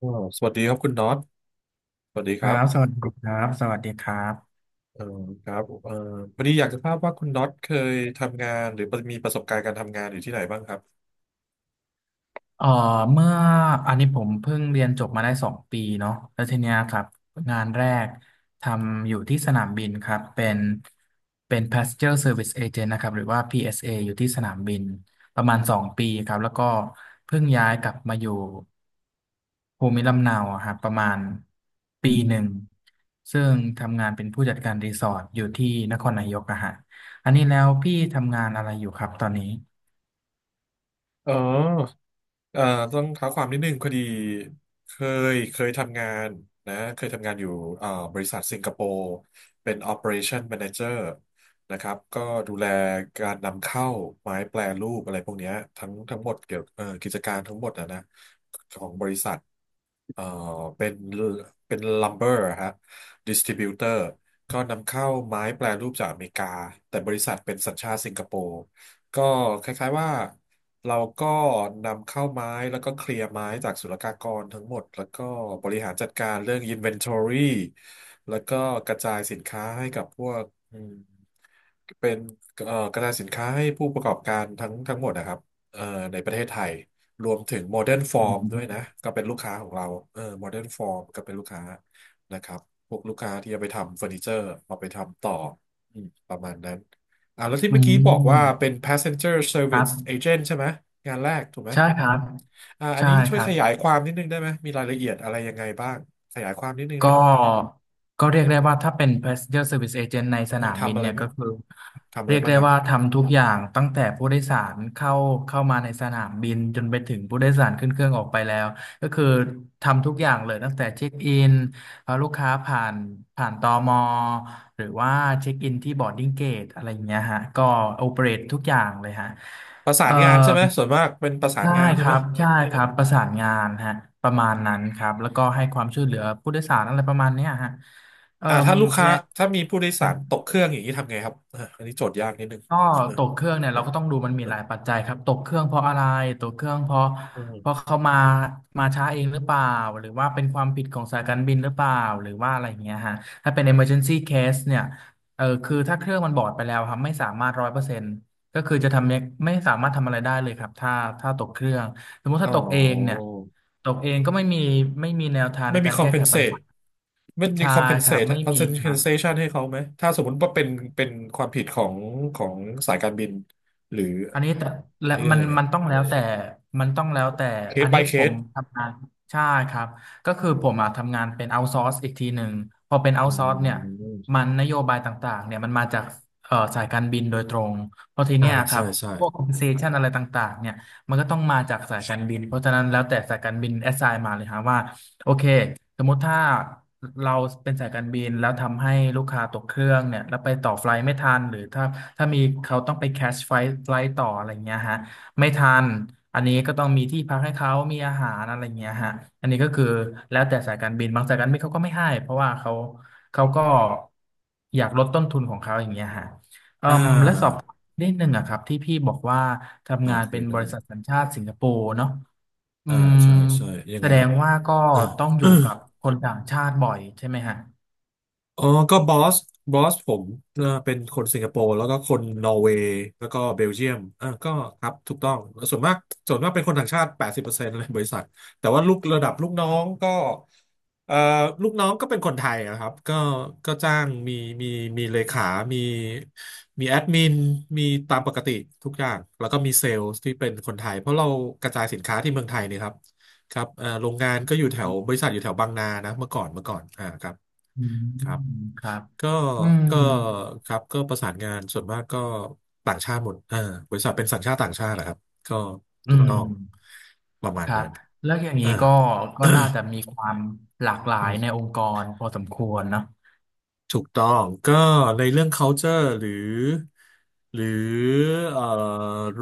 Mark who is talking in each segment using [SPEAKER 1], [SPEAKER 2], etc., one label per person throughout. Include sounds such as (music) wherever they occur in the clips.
[SPEAKER 1] อ๋อสวัสดีครับคุณน็อตสวัสดี
[SPEAKER 2] ค
[SPEAKER 1] ค
[SPEAKER 2] รั
[SPEAKER 1] รับ
[SPEAKER 2] บสวัสดีครับสวัสดีครับ
[SPEAKER 1] เอ่อครับเอ่อพอดีอยากจะทราบว่าคุณน็อตเคยทำงานหรือมีประสบการณ์การทำงานอยู่ที่ไหนบ้างครับ
[SPEAKER 2] เอ่อเมื่ออันนี้ผมเพิ่งเรียนจบมาได้สองปีเนาะแล้วทีเนี้ยครับงานแรกทำอยู่ที่สนามบินครับเป็น Passenger Service Agent นะครับหรือว่า PSA อสเออยู่ที่สนามบินประมาณสองปีครับแล้วก็เพิ่งย้ายกลับมาอยู่ภูมิลำเนาอะครับประมาณปีหนึ่งซึ่งทำงานเป็นผู้จัดการรีสอร์ทอยู่ที่นครนายกอะฮะอันนี้แล้วพี่ทำงานอะไรอยู่ครับตอนนี้
[SPEAKER 1] อ๋อเอ่อต้องเท้าความนิดนึงพอดีเคเคยทำงานนะเคยทำงานอยู่บริษัทสิงคโปร์เป็น Operation Manager นะครับก็ดูแลการนำเข้าไม้แปรรูปอะไรพวกเนี้ยทั้งหมดเกี่ยวกิจการทั้งหมดนะ เอ่อเป็นเป็นลัมเบอร์ฮะดิสติบิวเตอร์ก็นำเข้าไม้แปรรูปจากอเมริกาแต่บริษัทเป็นสัญชาติสิงคโปร์ก็คล้ายๆว่าเราก็นำเข้าไม้แล้วก็เคลียร์ไม้จากศุลกากรทั้งหมดแล้วก็บริหารจัดการเรื่อง Inventory แล้วก็กระจายสินค้าให้กับพวกอืมเป็นกระจายสินค้าให้ผู้ประกอบการทั้งหมดนะครับเอ่อในประเทศไทย รวมถึงโมเดิร์นฟอ
[SPEAKER 2] อื
[SPEAKER 1] ร์มด้วยนะ
[SPEAKER 2] ม
[SPEAKER 1] ก็เป็นลูกค้าของเราเออโมเดิร์นฟอร์มก็เป็นลูกค้านะครับพวกลูกค้าที่จะไปทำเฟอร์นิเจอร์เอาไปทำต่ออืมประมาณนั้นอ่าแล้วที่
[SPEAKER 2] อื
[SPEAKER 1] เมื่อกี้บอกว่าเป็
[SPEAKER 2] ม
[SPEAKER 1] น passenger
[SPEAKER 2] ครั
[SPEAKER 1] service
[SPEAKER 2] บ
[SPEAKER 1] agent ใช่ไหมงานแรกถูกไหม
[SPEAKER 2] ใช่ครับ
[SPEAKER 1] อ่าอัน
[SPEAKER 2] ใช่
[SPEAKER 1] นี้ช่
[SPEAKER 2] ค
[SPEAKER 1] วย
[SPEAKER 2] รั
[SPEAKER 1] ข
[SPEAKER 2] บ
[SPEAKER 1] ยายความนิดนึงได้ไหมมีรายละเอียดอะไรยังไงบ้างขยายความนิดนึงได้
[SPEAKER 2] ก็
[SPEAKER 1] ไหม
[SPEAKER 2] ก็เรียกได้ว่าถ้าเป็น passenger service agent ในส
[SPEAKER 1] เออ
[SPEAKER 2] นามบิ
[SPEAKER 1] ทำ
[SPEAKER 2] น
[SPEAKER 1] อะไร
[SPEAKER 2] เนี่ย
[SPEAKER 1] บ้า
[SPEAKER 2] ก็
[SPEAKER 1] ง
[SPEAKER 2] คือ
[SPEAKER 1] ทำอะ
[SPEAKER 2] เรี
[SPEAKER 1] ไร
[SPEAKER 2] ยก
[SPEAKER 1] บ้าง
[SPEAKER 2] ได้
[SPEAKER 1] ครับ
[SPEAKER 2] ว่าทำทุกอย่างตั้งแต่ผู้โดยสารเข้ามาในสนามบินจนไปถึงผู้โดยสารขึ้นเครื่องออกไปแล้วก็คือทำทุกอย่างเลยตั้งแต่เช็คอินพาลูกค้าผ่านตมหรือว่าเช็คอินที่บอร์ดดิ้งเกตอะไรอย่างเงี้ยฮะก็โอเปเรตทุกอย่างเลยฮะ
[SPEAKER 1] ประสา
[SPEAKER 2] เอ่อ
[SPEAKER 1] นงานใช่ไหมส่วนมากเป็นประสาน
[SPEAKER 2] ใช่
[SPEAKER 1] งาน
[SPEAKER 2] ค
[SPEAKER 1] ใช่ไหม
[SPEAKER 2] รับ ใช่ครับ ประสานงานฮะประมาณนั้นครับ แล้วก็ให้ความช่วยเหลือผู้โดยสารอะไรประมาณเนี้ยฮะเอ่อ
[SPEAKER 1] อ่าถ้าลูกค้า
[SPEAKER 2] และ
[SPEAKER 1] ถ้ามีผู้โดยสารตกเครื่องอย่างนี้ทำไงครับอ่ะอันนี้โจทย์ยากนิดนึง
[SPEAKER 2] ก็ตกเครื่องเนี่ยเราก็ต้องดูมันมีหลายปัจจัยครับตกเครื่องเพราะอะไรตกเครื่องเพราะ
[SPEAKER 1] อืม
[SPEAKER 2] เขามาช้าเองหรือเปล่าหรือว่าเป็นความผิดของสายการบินหรือเปล่าหรือว่าอะไรอย่างเงี้ยฮะถ้าเป็น emergency case เนี่ยเออคือถ้าเครื่องมันบอดไปแล้วครับไม่สามารถร้อยเปอร์เซ็นต์ก็คือจะทำไม่สามารถทำอะไรได้เลยครับถ้าตกเครื่องสมมติ
[SPEAKER 1] อ๋
[SPEAKER 2] ถ้าตกเองเนี่ย
[SPEAKER 1] อ
[SPEAKER 2] ตกเองก็ไม่มีไม่มีแนวทาง
[SPEAKER 1] ไม่
[SPEAKER 2] ใน
[SPEAKER 1] มี
[SPEAKER 2] การแก้ไขปัญ
[SPEAKER 1] compensate
[SPEAKER 2] หา
[SPEAKER 1] ไม่มี
[SPEAKER 2] ใช่ครับ
[SPEAKER 1] compensate
[SPEAKER 2] ไม่มีครับ
[SPEAKER 1] compensation ให้เขาไหมถ้าสมมติว่าเป็นเป็นความผิดของของสายการบินหรือ
[SPEAKER 2] อันนี้แต่และ
[SPEAKER 1] เรียกอะไรเงี้ย
[SPEAKER 2] มันต้องแล้วแต่มันต้องแล้วแต่อัน
[SPEAKER 1] case
[SPEAKER 2] นี้
[SPEAKER 1] by
[SPEAKER 2] ผม
[SPEAKER 1] case
[SPEAKER 2] ทำงานใช่ครับก็คือผมอ่ะทำงานเป็น outsource อีกทีหนึ่งพอเป็น
[SPEAKER 1] อื
[SPEAKER 2] outsource เนี่ยมั
[SPEAKER 1] ม
[SPEAKER 2] นนโยบายต่างๆเนี่ยมันมาจากสายการบินโดยตรงเพราะที
[SPEAKER 1] อ่า
[SPEAKER 2] เนี้ยครั
[SPEAKER 1] ใช่
[SPEAKER 2] บ
[SPEAKER 1] ใช่
[SPEAKER 2] พวก compensation อะไรต่างๆเนี่ยมันก็ต้องมาจากสายการบินเพราะฉะนั้นแล้วแต่สายการบิน assign มาเลยฮะว่า โอเคสมมติถ้าเราเป็นสายการบินแล้วทำให้ลูกค้าตกเครื่องเนี่ยแล้วไปต่อไฟล์ไม่ทันหรือถ้ามีเขาต้องไปแคชไฟล์ไฟล์ต่ออะไรเงี้ยฮะไม่ทันอันนี้ก็ต้องมีที่พักให้เขามีอาหารอะไรเงี้ยฮะอันนี้ก็คือแล้วแต่สายการบินบางสายการบินเขาก็ไม่ให้เพราะว่าเขาก็อยากลดต้นทุนของเขาอย่างเงี้ยฮะเอ่
[SPEAKER 1] อ่
[SPEAKER 2] มและสอบ
[SPEAKER 1] า
[SPEAKER 2] นิดนึงอะครับที่พี่บอกว่าทำ
[SPEAKER 1] อ่า
[SPEAKER 2] งาน
[SPEAKER 1] คุ
[SPEAKER 2] เป็
[SPEAKER 1] ย
[SPEAKER 2] นบ
[SPEAKER 1] ได้
[SPEAKER 2] ริษัทสัญชาติสิงคโปร์เนาะอื
[SPEAKER 1] อ่า
[SPEAKER 2] ม
[SPEAKER 1] ใช่ใช่ยัง
[SPEAKER 2] แส
[SPEAKER 1] ไง
[SPEAKER 2] ด
[SPEAKER 1] ครับ
[SPEAKER 2] งว่าก็ต้องอ
[SPEAKER 1] เอ
[SPEAKER 2] ยู่
[SPEAKER 1] อ
[SPEAKER 2] กับคนต่างชาติบ่อยใช่ไหมฮะ
[SPEAKER 1] อ๋อก็บอสบอสผมเป็นคนสิงคโปร์แล้วก็คนนอร์เวย์แล้วก็เบลเยียมอ่าก็ครับถูกต้องส่วนมากส่วนมากเป็นคนต่างชาติ80%เลยบริษัทแต่ว่าลูกระดับลูกน้องก็เอ่อลูกน้องก็เป็นคนไทยนะครับก็ก็จ้างมีมีเลขามีมีแอดมินมีตามปกติทุกอย่างแล้วก็มีเซลล์ที่เป็นคนไทยเพราะเรากระจายสินค้าที่เมืองไทยเนี่ยครับครับโรงงานก็อยู่แถวบริษัทอยู่แถวบางนานะเมื่อก่อนอ่าครับ
[SPEAKER 2] อื
[SPEAKER 1] ครับ
[SPEAKER 2] มครับ
[SPEAKER 1] ก็
[SPEAKER 2] อืม
[SPEAKER 1] ก็ครับก็ประสานงานส่วนมากก็ต่างชาติหมดอ่าบริษัทเป็นสัญชาติต่างชาตินะครับ ก็
[SPEAKER 2] อื
[SPEAKER 1] ถูกต้อง
[SPEAKER 2] มครับแล้วอย่างนี้
[SPEAKER 1] อ่า
[SPEAKER 2] ก็น่าจะมีความหลากหลายใน
[SPEAKER 1] (coughs)
[SPEAKER 2] องค์กรพอสมควรเนอะ
[SPEAKER 1] ถูกต้องก็ในเรื่อง culture หรือหรือเอ่อ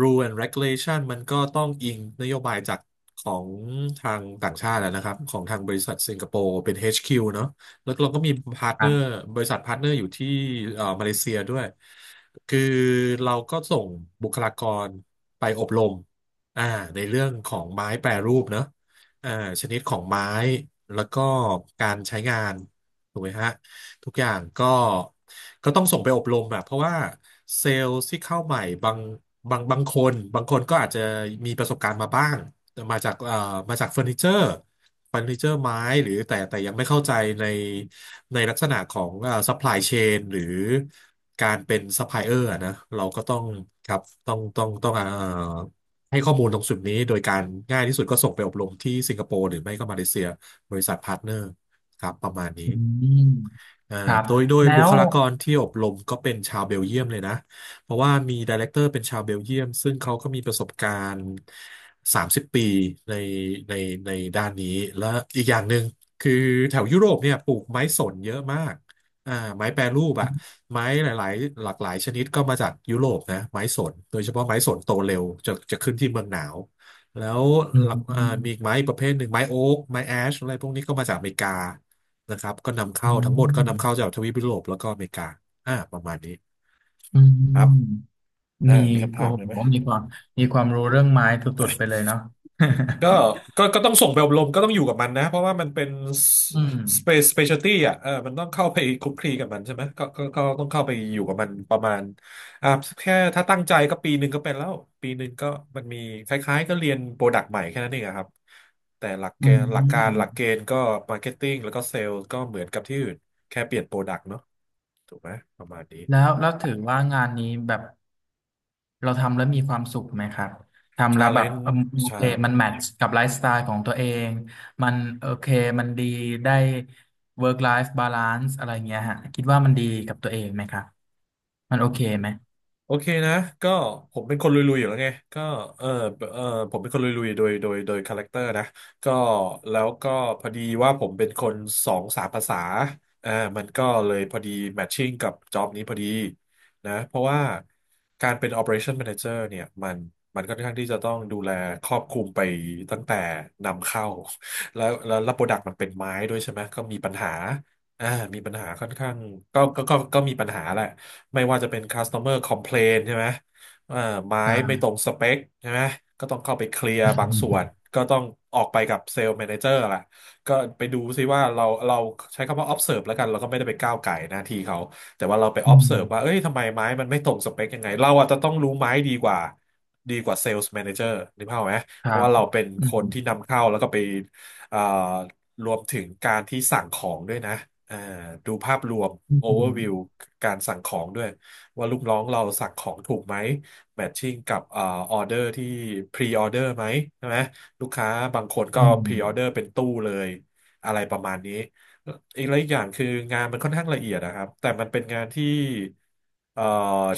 [SPEAKER 1] rule and regulation มันก็ต้องอิงนโยบายจากของทางต่างชาติแล้วนะครับของทางบริษัทสิงคโปร์เป็น HQ เนอะแล้วเราก็มีพาร์ท
[SPEAKER 2] ค
[SPEAKER 1] เนอ
[SPEAKER 2] รั
[SPEAKER 1] ร์
[SPEAKER 2] บ
[SPEAKER 1] บริษัทพาร์ทเนอร์อยู่ที่มาเลเซียด้วยคือเราก็ส่งบุคลากรไปอบรมอ่าในเรื่องของไม้แปรรูปเนอะอ่าชนิดของไม้แล้วก็การใช้งานถูกไหมฮะ ทุกอย่างก็ต้องส่งไปอบรมอะเพราะว่าเซลล์ที่เข้าใหม่บางคนบางคนก็อาจจะมีประสบการณ์มาบ้างมาจากมาจากเฟอร์นิเจอร์เฟอร์นิเจอร์ไม้หรือแต่ยังไม่เข้าใจในในลักษณะของซัพพลายเชนหรือการเป็นซัพพลายเออร์นะเราก็ต้องครับต้องให้ข้อมูลตรงสุ่ดนี้โดยการง่ายที่สุดก็ส่งไปอบรมที่สิงคโปร์หรือไม่ก็มาเลเซีย บริษัทพาร์ทเนอร์ครับประมาณนี้
[SPEAKER 2] อืม
[SPEAKER 1] เอ่อ
[SPEAKER 2] ครับ
[SPEAKER 1] โดย
[SPEAKER 2] แล้
[SPEAKER 1] บุ
[SPEAKER 2] ว
[SPEAKER 1] คลากรที่อบรมก็เป็นชาวเบลเยียมเลยนะเพราะว่ามีไดเรคเตอร์เป็นชาวเบลเยียมซึ่งเขาก็มีประสบการณ์30ปีในในในด้านนี้และอีกอย่างหนึ่งคือแถวยุโรปเนี่ยปลูกไม้สนเยอะมากอ่าไม้แปรรูปอะไม้หลายๆหลากหลายชนิดก็มาจากยุโรปนะไม้สนโดยเฉพาะไม้สนโตเร็วจะขึ้นที่เมืองหนาว แล้ว
[SPEAKER 2] อื
[SPEAKER 1] ห
[SPEAKER 2] ม
[SPEAKER 1] ลักมีอีก
[SPEAKER 2] อ
[SPEAKER 1] ไม้อีกประเภทหนึ่งไม้โอ๊กไม้แอชอะไรพวกนี้ก็มาจากอเมริกานะครับก็นำ
[SPEAKER 2] ื
[SPEAKER 1] เข้าทั้งหมดก็
[SPEAKER 2] ม
[SPEAKER 1] นำเข้าจากทวีปยุโรปแล้วก็อเมริกาอ่าประมาณนี้
[SPEAKER 2] อื
[SPEAKER 1] ครับ
[SPEAKER 2] ม
[SPEAKER 1] อ่า
[SPEAKER 2] มี
[SPEAKER 1] มีคำถา
[SPEAKER 2] โอ้
[SPEAKER 1] มเลยไหม
[SPEAKER 2] โหมีความมีความรู้เรื่องไม้สุดๆไปเลยเนาะ
[SPEAKER 1] ก็ก็ต้องส่งไปอบรมก็ต้องอยู่กับมันนะเพราะว่ามันเป็น
[SPEAKER 2] (laughs) อืม
[SPEAKER 1] สเปซสเปเชียลตี้อ่ะเออมันต้องเข้าไปคลุกคลีกับมันใช่ไหมก็ต้องเข้าไปอยู่กับมันประมาณอ่าแค่ถ้าตั้งใจก็ปีหนึ่งก็เป็นแล้วปีหนึ่งก็มันมีคล้ายๆก็เรียนโปรดักต์ใหม่แค่นั้นเองอะครับแต่หลักเก
[SPEAKER 2] อื
[SPEAKER 1] ณฑ์หลักการหลักเก
[SPEAKER 2] ม
[SPEAKER 1] ณฑ์ก็มาร์เก็ตติ้งแล้วก็เซลล์ก็เหมือนกับที่อื่นแค่เปลี่ยนโปรดักต์เนาะถูกไหมประมาณนี้
[SPEAKER 2] แล้วแล้วถือว่างานนี้แบบเราทำแล้วมีความสุขไหมครับทำ
[SPEAKER 1] ชา
[SPEAKER 2] แล้ว
[SPEAKER 1] เล
[SPEAKER 2] แบบ
[SPEAKER 1] นจ์
[SPEAKER 2] เอิ่มโอเคมันแมทช์กับไลฟ์สไตล์ของตัวเองมันโอเคมันดีได้ work life balance อะไรเงี้ยฮะคิดว่ามันดีกับตัวเองไหมครับมันโอเคไหม
[SPEAKER 1] โอเคนะก็ผมเป็นคนลุยๆอยู่แล้วไงก็เออเออผมเป็นคนลุยๆโดยคาแรคเตอร์นะก็แล้วก็พอดีว่าผมเป็นคนสองสามภาษาอ่ามันก็เลยพอดีแมทชิ่งกับจ็อบนี้พอดีนะเพราะว่าการเป็น Operation Manager เนี่ยมันค่อนข้างที่จะต้องดูแลครอบคลุมไปตั้งแต่นำเข้าแล้วโปรดักต์มันเป็นไม้ด้วยใช่ไหมก็มีปัญหาอ่ามีปัญหาค่อนข้างก็มีปัญหาแหละ ไม่ว่าจะเป็น customer complaint ใช่ไหมเอ่อไม้ไม่ต
[SPEAKER 2] ได้
[SPEAKER 1] รงสเปคใช่ไหมก็ต้องเข้าไปเคลียร์บางส่วน ก็ต้องออกไปกับเซลล์แมเนเจอร์แหละก็ไปดูซิว่าเราใช้คำว่า observe แล้วกันเราก็ไม่ได้ไปก้าวไก่หน้าที่เขาแต่ว่าเราไป
[SPEAKER 2] (laughs) อืม
[SPEAKER 1] observe ว่าเอ้ยทำไมไม้มันไม่ตรงสเปคยังไงเราอาจจะต้องรู้ไม้ดีกว่าดีกว่า sales manager นเจอร์นึกภาพอไหม
[SPEAKER 2] ค
[SPEAKER 1] เพ
[SPEAKER 2] รั
[SPEAKER 1] ราะ
[SPEAKER 2] บ
[SPEAKER 1] ว่าเราเป็น
[SPEAKER 2] อื
[SPEAKER 1] ค
[SPEAKER 2] ม
[SPEAKER 1] นที่นำเข้าแล้วก็ไปเอ่อ รวมถึงการที่สั่งของด้วยนะอ่าดูภาพรวม
[SPEAKER 2] อื
[SPEAKER 1] overview
[SPEAKER 2] ม
[SPEAKER 1] การสั่งของด้วยว่าลูกน้องเราสั่งของถูกไหม matching กับorder ที่ pre-order ไหมใช่ไหมลูกค้าบางคนก็
[SPEAKER 2] อื
[SPEAKER 1] pre-order
[SPEAKER 2] ม
[SPEAKER 1] เป็นตู้เลยอะไรประมาณนี้ อีกแล้วอีกอย่างคืองานมันค่อนข้างละเอียดนะครับแต่มันเป็นงานที่เอ่อ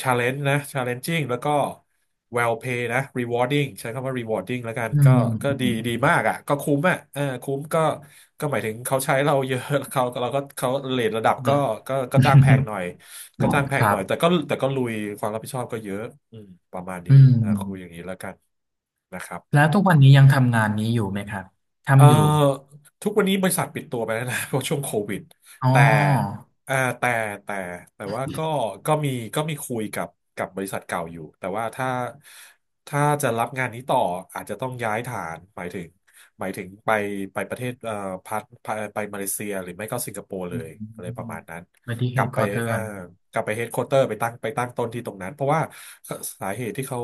[SPEAKER 1] ชาเลนจ์นะชาเลนจิ่งแล้วก็ well pay นะ rewarding ใช้คำว่า rewarding แล้วกัน
[SPEAKER 2] อื
[SPEAKER 1] ก็
[SPEAKER 2] ม
[SPEAKER 1] ก็
[SPEAKER 2] อื
[SPEAKER 1] ดี
[SPEAKER 2] ม
[SPEAKER 1] ดีมากอ่ะก็คุ้มอ่ะเออคุ้มก็ก็หมายถึงเขาใช้เราเยอะ (laughs) เขาเราก็เขาเรทระดับก็
[SPEAKER 2] ค
[SPEAKER 1] ก็จ้างแพงหน่อยก็จ้างแพง
[SPEAKER 2] รั
[SPEAKER 1] ห
[SPEAKER 2] บ
[SPEAKER 1] น่อยแต่ก็ลุยความรับผิดชอบก็เยอะอืมประมาณ
[SPEAKER 2] อื
[SPEAKER 1] นี้
[SPEAKER 2] ม
[SPEAKER 1] อ่าคุยอย่างนี้แล้วกันนะครับ
[SPEAKER 2] แล้วทุกวันนี้ยังทำงานนี้อยู่ไหมครับ
[SPEAKER 1] เอ่อ
[SPEAKER 2] ทำอยู่
[SPEAKER 1] ทุกวันนี้บริษัทปิดตัวไปแล้วนะ (laughs) เพราะช่วงโควิด
[SPEAKER 2] อ๋
[SPEAKER 1] แต่
[SPEAKER 2] อ
[SPEAKER 1] เอ่อแต่แต่แต่ว่าก็ก็มีก็มีคุยกับกับบริษัทเก่าอยู่แต่ว่าถ้าถ้าจะรับงานนี้ต่ออาจจะต้องย้ายฐานหมายถึงหมายถึงไปไปประเทศพัทไปไปมาเลเซียหรือไม่ก็สิงคโปร์เล
[SPEAKER 2] อื
[SPEAKER 1] ยอะไรประ
[SPEAKER 2] ม
[SPEAKER 1] มาณนั้น
[SPEAKER 2] อุบัติ
[SPEAKER 1] ก
[SPEAKER 2] เห
[SPEAKER 1] ลับ
[SPEAKER 2] ตุข
[SPEAKER 1] ไป
[SPEAKER 2] อเตื
[SPEAKER 1] เอ่
[SPEAKER 2] อ
[SPEAKER 1] อ
[SPEAKER 2] น
[SPEAKER 1] กลับไปเฮดค q u เตอร์ไปตั้งไปตั้งต้นที่ตรงนั้นเพราะว่าสาเหตุที่เขา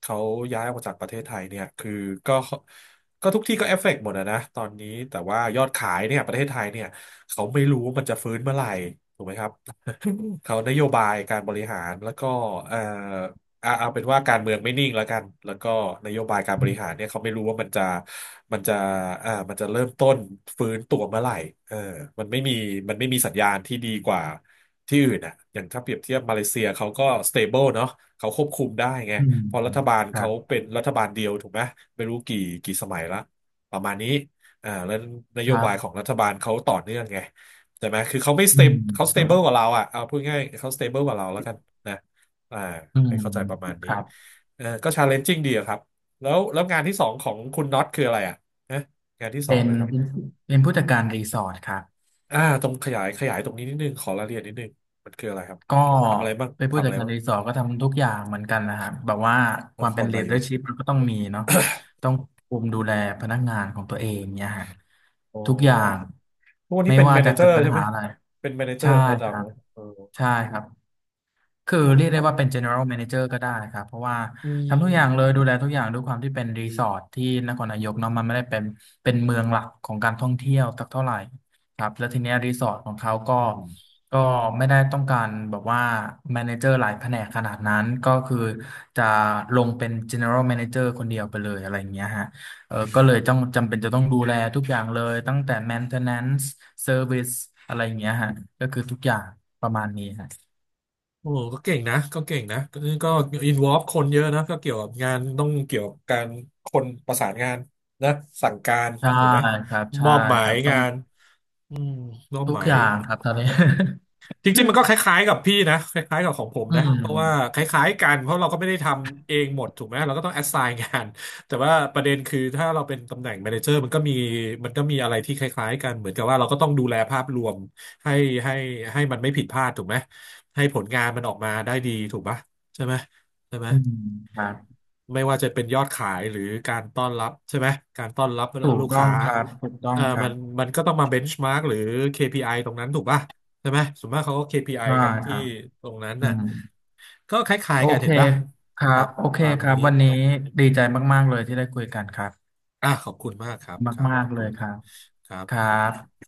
[SPEAKER 1] เขาย้ายออกจากประเทศไทยเนี่ยคือก็ ก็ทุกที่ก็เอฟเฟกต์หมดอะนะตอนนี้แต่ว่ายอดขายเนี่ยประเทศไทยเนี่ยเขาไม่รู้ว่ามันจะฟื้นเมื่อไหร่ถูกไหมครับ (laughs) เขานโยบายการบริหารแล้วก็เอ่อเอาเป็นว่าการเมืองไม่นิ่งแล้วกันแล้วก็นโยบายการบริหารเนี่ยเขาไม่รู้ว่ามันจะมันจะเริ่มต้นฟื้นตัวเมื่อไหร่เออมันไม่มีมันไม่มีสัญญาณที่ดีกว่าที่อื่นอ่ะอย่างถ้าเปรียบเทียบมาเลเซียเขาก็สเตเบิลเนาะเขาควบคุมได้ไง
[SPEAKER 2] อืม
[SPEAKER 1] เพอ
[SPEAKER 2] อื
[SPEAKER 1] รั
[SPEAKER 2] ม
[SPEAKER 1] ฐบาล
[SPEAKER 2] ครั
[SPEAKER 1] เขา
[SPEAKER 2] บ
[SPEAKER 1] เป็นรัฐบาลเดียวถูกไหมไม่รู้กี่กี่สมัยละประมาณนี้อ่าแล้วน
[SPEAKER 2] ค
[SPEAKER 1] โย
[SPEAKER 2] รั
[SPEAKER 1] บายของ
[SPEAKER 2] บ
[SPEAKER 1] รัฐบาลเขาต่อเนื่องไงใช่ไหมคือเขาไม่สเต
[SPEAKER 2] อื
[SPEAKER 1] มเขาสเตเบิ
[SPEAKER 2] ม
[SPEAKER 1] ลกว่าเราอ่ะเอาพูดง่ายเขาสเตเบิลกว่าเราแล้วกันนะอ่า
[SPEAKER 2] อื
[SPEAKER 1] ให้
[SPEAKER 2] ม
[SPEAKER 1] เข้าใจประมาณ
[SPEAKER 2] ค
[SPEAKER 1] นี้
[SPEAKER 2] รับ
[SPEAKER 1] เออก็ชาเลนจิ้งดีอะครับแล้วงานที่สองของคุณน็อตคืออะไรอ่ะนะงานที่สอ
[SPEAKER 2] เป็
[SPEAKER 1] ง
[SPEAKER 2] น
[SPEAKER 1] นะครับ
[SPEAKER 2] เป็นผู้จัดการรีสอร์ทครับ
[SPEAKER 1] อ่าตรงขยายตรงนี้นิดนึงขอรายละเอียดนิดนึงมันคืออะไรครับ
[SPEAKER 2] ก็
[SPEAKER 1] ทำอะไรบ้าง
[SPEAKER 2] เป็นผู้
[SPEAKER 1] ทำ
[SPEAKER 2] จั
[SPEAKER 1] อะ
[SPEAKER 2] ด
[SPEAKER 1] ไร
[SPEAKER 2] การ
[SPEAKER 1] บ้าง
[SPEAKER 2] รีสอร์ทก็ทำทุกอย่างเหมือนกันนะฮะแบบว่าค
[SPEAKER 1] น
[SPEAKER 2] วาม
[SPEAKER 1] ค
[SPEAKER 2] เป็น
[SPEAKER 1] รนายก
[SPEAKER 2] leadership มันก็ต้องมีเนาะต้องคุมดูแลพนักงานของตัวเองเนี่ยฮะ
[SPEAKER 1] อ๋อ
[SPEAKER 2] ทุกอย่าง
[SPEAKER 1] ทุกวันนี้
[SPEAKER 2] ไม่
[SPEAKER 1] เป็น
[SPEAKER 2] ว่า
[SPEAKER 1] แมเน
[SPEAKER 2] จะ
[SPEAKER 1] เจอ
[SPEAKER 2] เกิด
[SPEAKER 1] ร์
[SPEAKER 2] ปัญ
[SPEAKER 1] ใช่ไห
[SPEAKER 2] หา
[SPEAKER 1] ม
[SPEAKER 2] อะไร
[SPEAKER 1] เป็นแมเนเจอ
[SPEAKER 2] ใช่
[SPEAKER 1] ร์ระดั
[SPEAKER 2] ค
[SPEAKER 1] บ
[SPEAKER 2] รั
[SPEAKER 1] เล
[SPEAKER 2] บ
[SPEAKER 1] ยเออ
[SPEAKER 2] ใช่ครับ คือเรียก
[SPEAKER 1] ค
[SPEAKER 2] ได้
[SPEAKER 1] รั
[SPEAKER 2] ว่าเป็
[SPEAKER 1] บ
[SPEAKER 2] น general manager ก็ได้ครับเพราะว่า
[SPEAKER 1] อื
[SPEAKER 2] ทำทุกอย่างเล
[SPEAKER 1] ม
[SPEAKER 2] ยดูแลทุกอย่างด้วยความที่เป็นรีสอร์ทที่นครนายกเนาะมันไม่ได้เป็นเมืองหลักของการท่องเที่ยวสักเท่าไหร่ครับแล้วทีเนี้ยรีสอร์ทของเขา
[SPEAKER 1] อืม
[SPEAKER 2] ก็ไม่ได้ต้องการแบบว่า manager หลายแผนกขนาดนั้นก็คือจะลงเป็น general manager คนเดียวไปเลยอะไรอย่างเงี้ยฮะเออ
[SPEAKER 1] อืม
[SPEAKER 2] ก็เลยต้องจำเป็นจะต้องดูแลทุกอย่างเลยตั้งแต่ maintenance service อะไรอย่างเงี้ยฮะก็คือทุกอย่างประมาณนี้ฮะ
[SPEAKER 1] โอ้ก็เก่งนะ ก็เก่งนะก็ก็อินวอล์ฟคนเยอะนะ ก็เกี่ยวกับงานต้องเกี่ยวกับการคนประสานงานนะสั่งการ
[SPEAKER 2] ใช่
[SPEAKER 1] ถูกไหม
[SPEAKER 2] ครับ
[SPEAKER 1] ม
[SPEAKER 2] ใช่
[SPEAKER 1] อบหมา
[SPEAKER 2] ค
[SPEAKER 1] ย
[SPEAKER 2] รับต้อง
[SPEAKER 1] งานอืมมอบ
[SPEAKER 2] ทุ
[SPEAKER 1] ห
[SPEAKER 2] ก
[SPEAKER 1] มา
[SPEAKER 2] อ
[SPEAKER 1] ย
[SPEAKER 2] ย่างครับตอนนี้
[SPEAKER 1] จริงๆมันก็ค
[SPEAKER 2] (laughs)
[SPEAKER 1] ล้ายๆกับพี่นะคล้ายๆกับของผม
[SPEAKER 2] อื
[SPEAKER 1] นะเพราะว่าค
[SPEAKER 2] ม
[SPEAKER 1] ล้ายๆกันเพราะเราก็ไม่ได้ทำเองหมดถูกไหมเราก็ต้องแอสไซน์งานแต่ว่าประเด็นคือถ้าเราเป็นตำแหน่งแมเนเจอร์มันก็มีมันก็มีอะไรที่คล้ายๆกันเหมือนกับว่าเราก็ต้องดูแลภาพรวมให้ให้ให้มันไม่ผิดพลาดถูกไหมให้ผลงานมันออกมาได้ดีถูกปะใช่ไหมใช่ไหม
[SPEAKER 2] อืมครับ
[SPEAKER 1] ไม่ว่าจะเป็นยอดขายหรือการต้อนรับใช่ไหมการต้อนรับ
[SPEAKER 2] ถูก
[SPEAKER 1] ลูก
[SPEAKER 2] ต้อ
[SPEAKER 1] ค้า
[SPEAKER 2] งครับถูกต้อ
[SPEAKER 1] เอ่
[SPEAKER 2] ง
[SPEAKER 1] อ
[SPEAKER 2] ครั
[SPEAKER 1] มั
[SPEAKER 2] บ
[SPEAKER 1] นมันก็ต้องมาเบนช์มาร์กหรือ KPI ตรงนั้นถูกป่ะใช่ไหมส่วนมากเขาก็ KPI
[SPEAKER 2] ได้
[SPEAKER 1] กัน
[SPEAKER 2] ค
[SPEAKER 1] ที่
[SPEAKER 2] รับ
[SPEAKER 1] ตรงนั้น
[SPEAKER 2] อื
[SPEAKER 1] น่ะ
[SPEAKER 2] ม
[SPEAKER 1] ก็คล้าย
[SPEAKER 2] โอ
[SPEAKER 1] ๆกัน
[SPEAKER 2] เค
[SPEAKER 1] เห็นป่ะ
[SPEAKER 2] ครั
[SPEAKER 1] ครั
[SPEAKER 2] บ
[SPEAKER 1] บ
[SPEAKER 2] โอเค
[SPEAKER 1] ตาม
[SPEAKER 2] ครับ
[SPEAKER 1] นี้
[SPEAKER 2] วันนี้ดีใจมากๆเลยที่ได้คุยกันครับ
[SPEAKER 1] อ่ะขอบคุณมากครับครับ
[SPEAKER 2] มา
[SPEAKER 1] ข
[SPEAKER 2] ก
[SPEAKER 1] อบ
[SPEAKER 2] ๆเล
[SPEAKER 1] คุณ
[SPEAKER 2] ยค
[SPEAKER 1] ค
[SPEAKER 2] รับ
[SPEAKER 1] รับ
[SPEAKER 2] ค
[SPEAKER 1] ขอบ
[SPEAKER 2] รั
[SPEAKER 1] คุณครับ
[SPEAKER 2] บ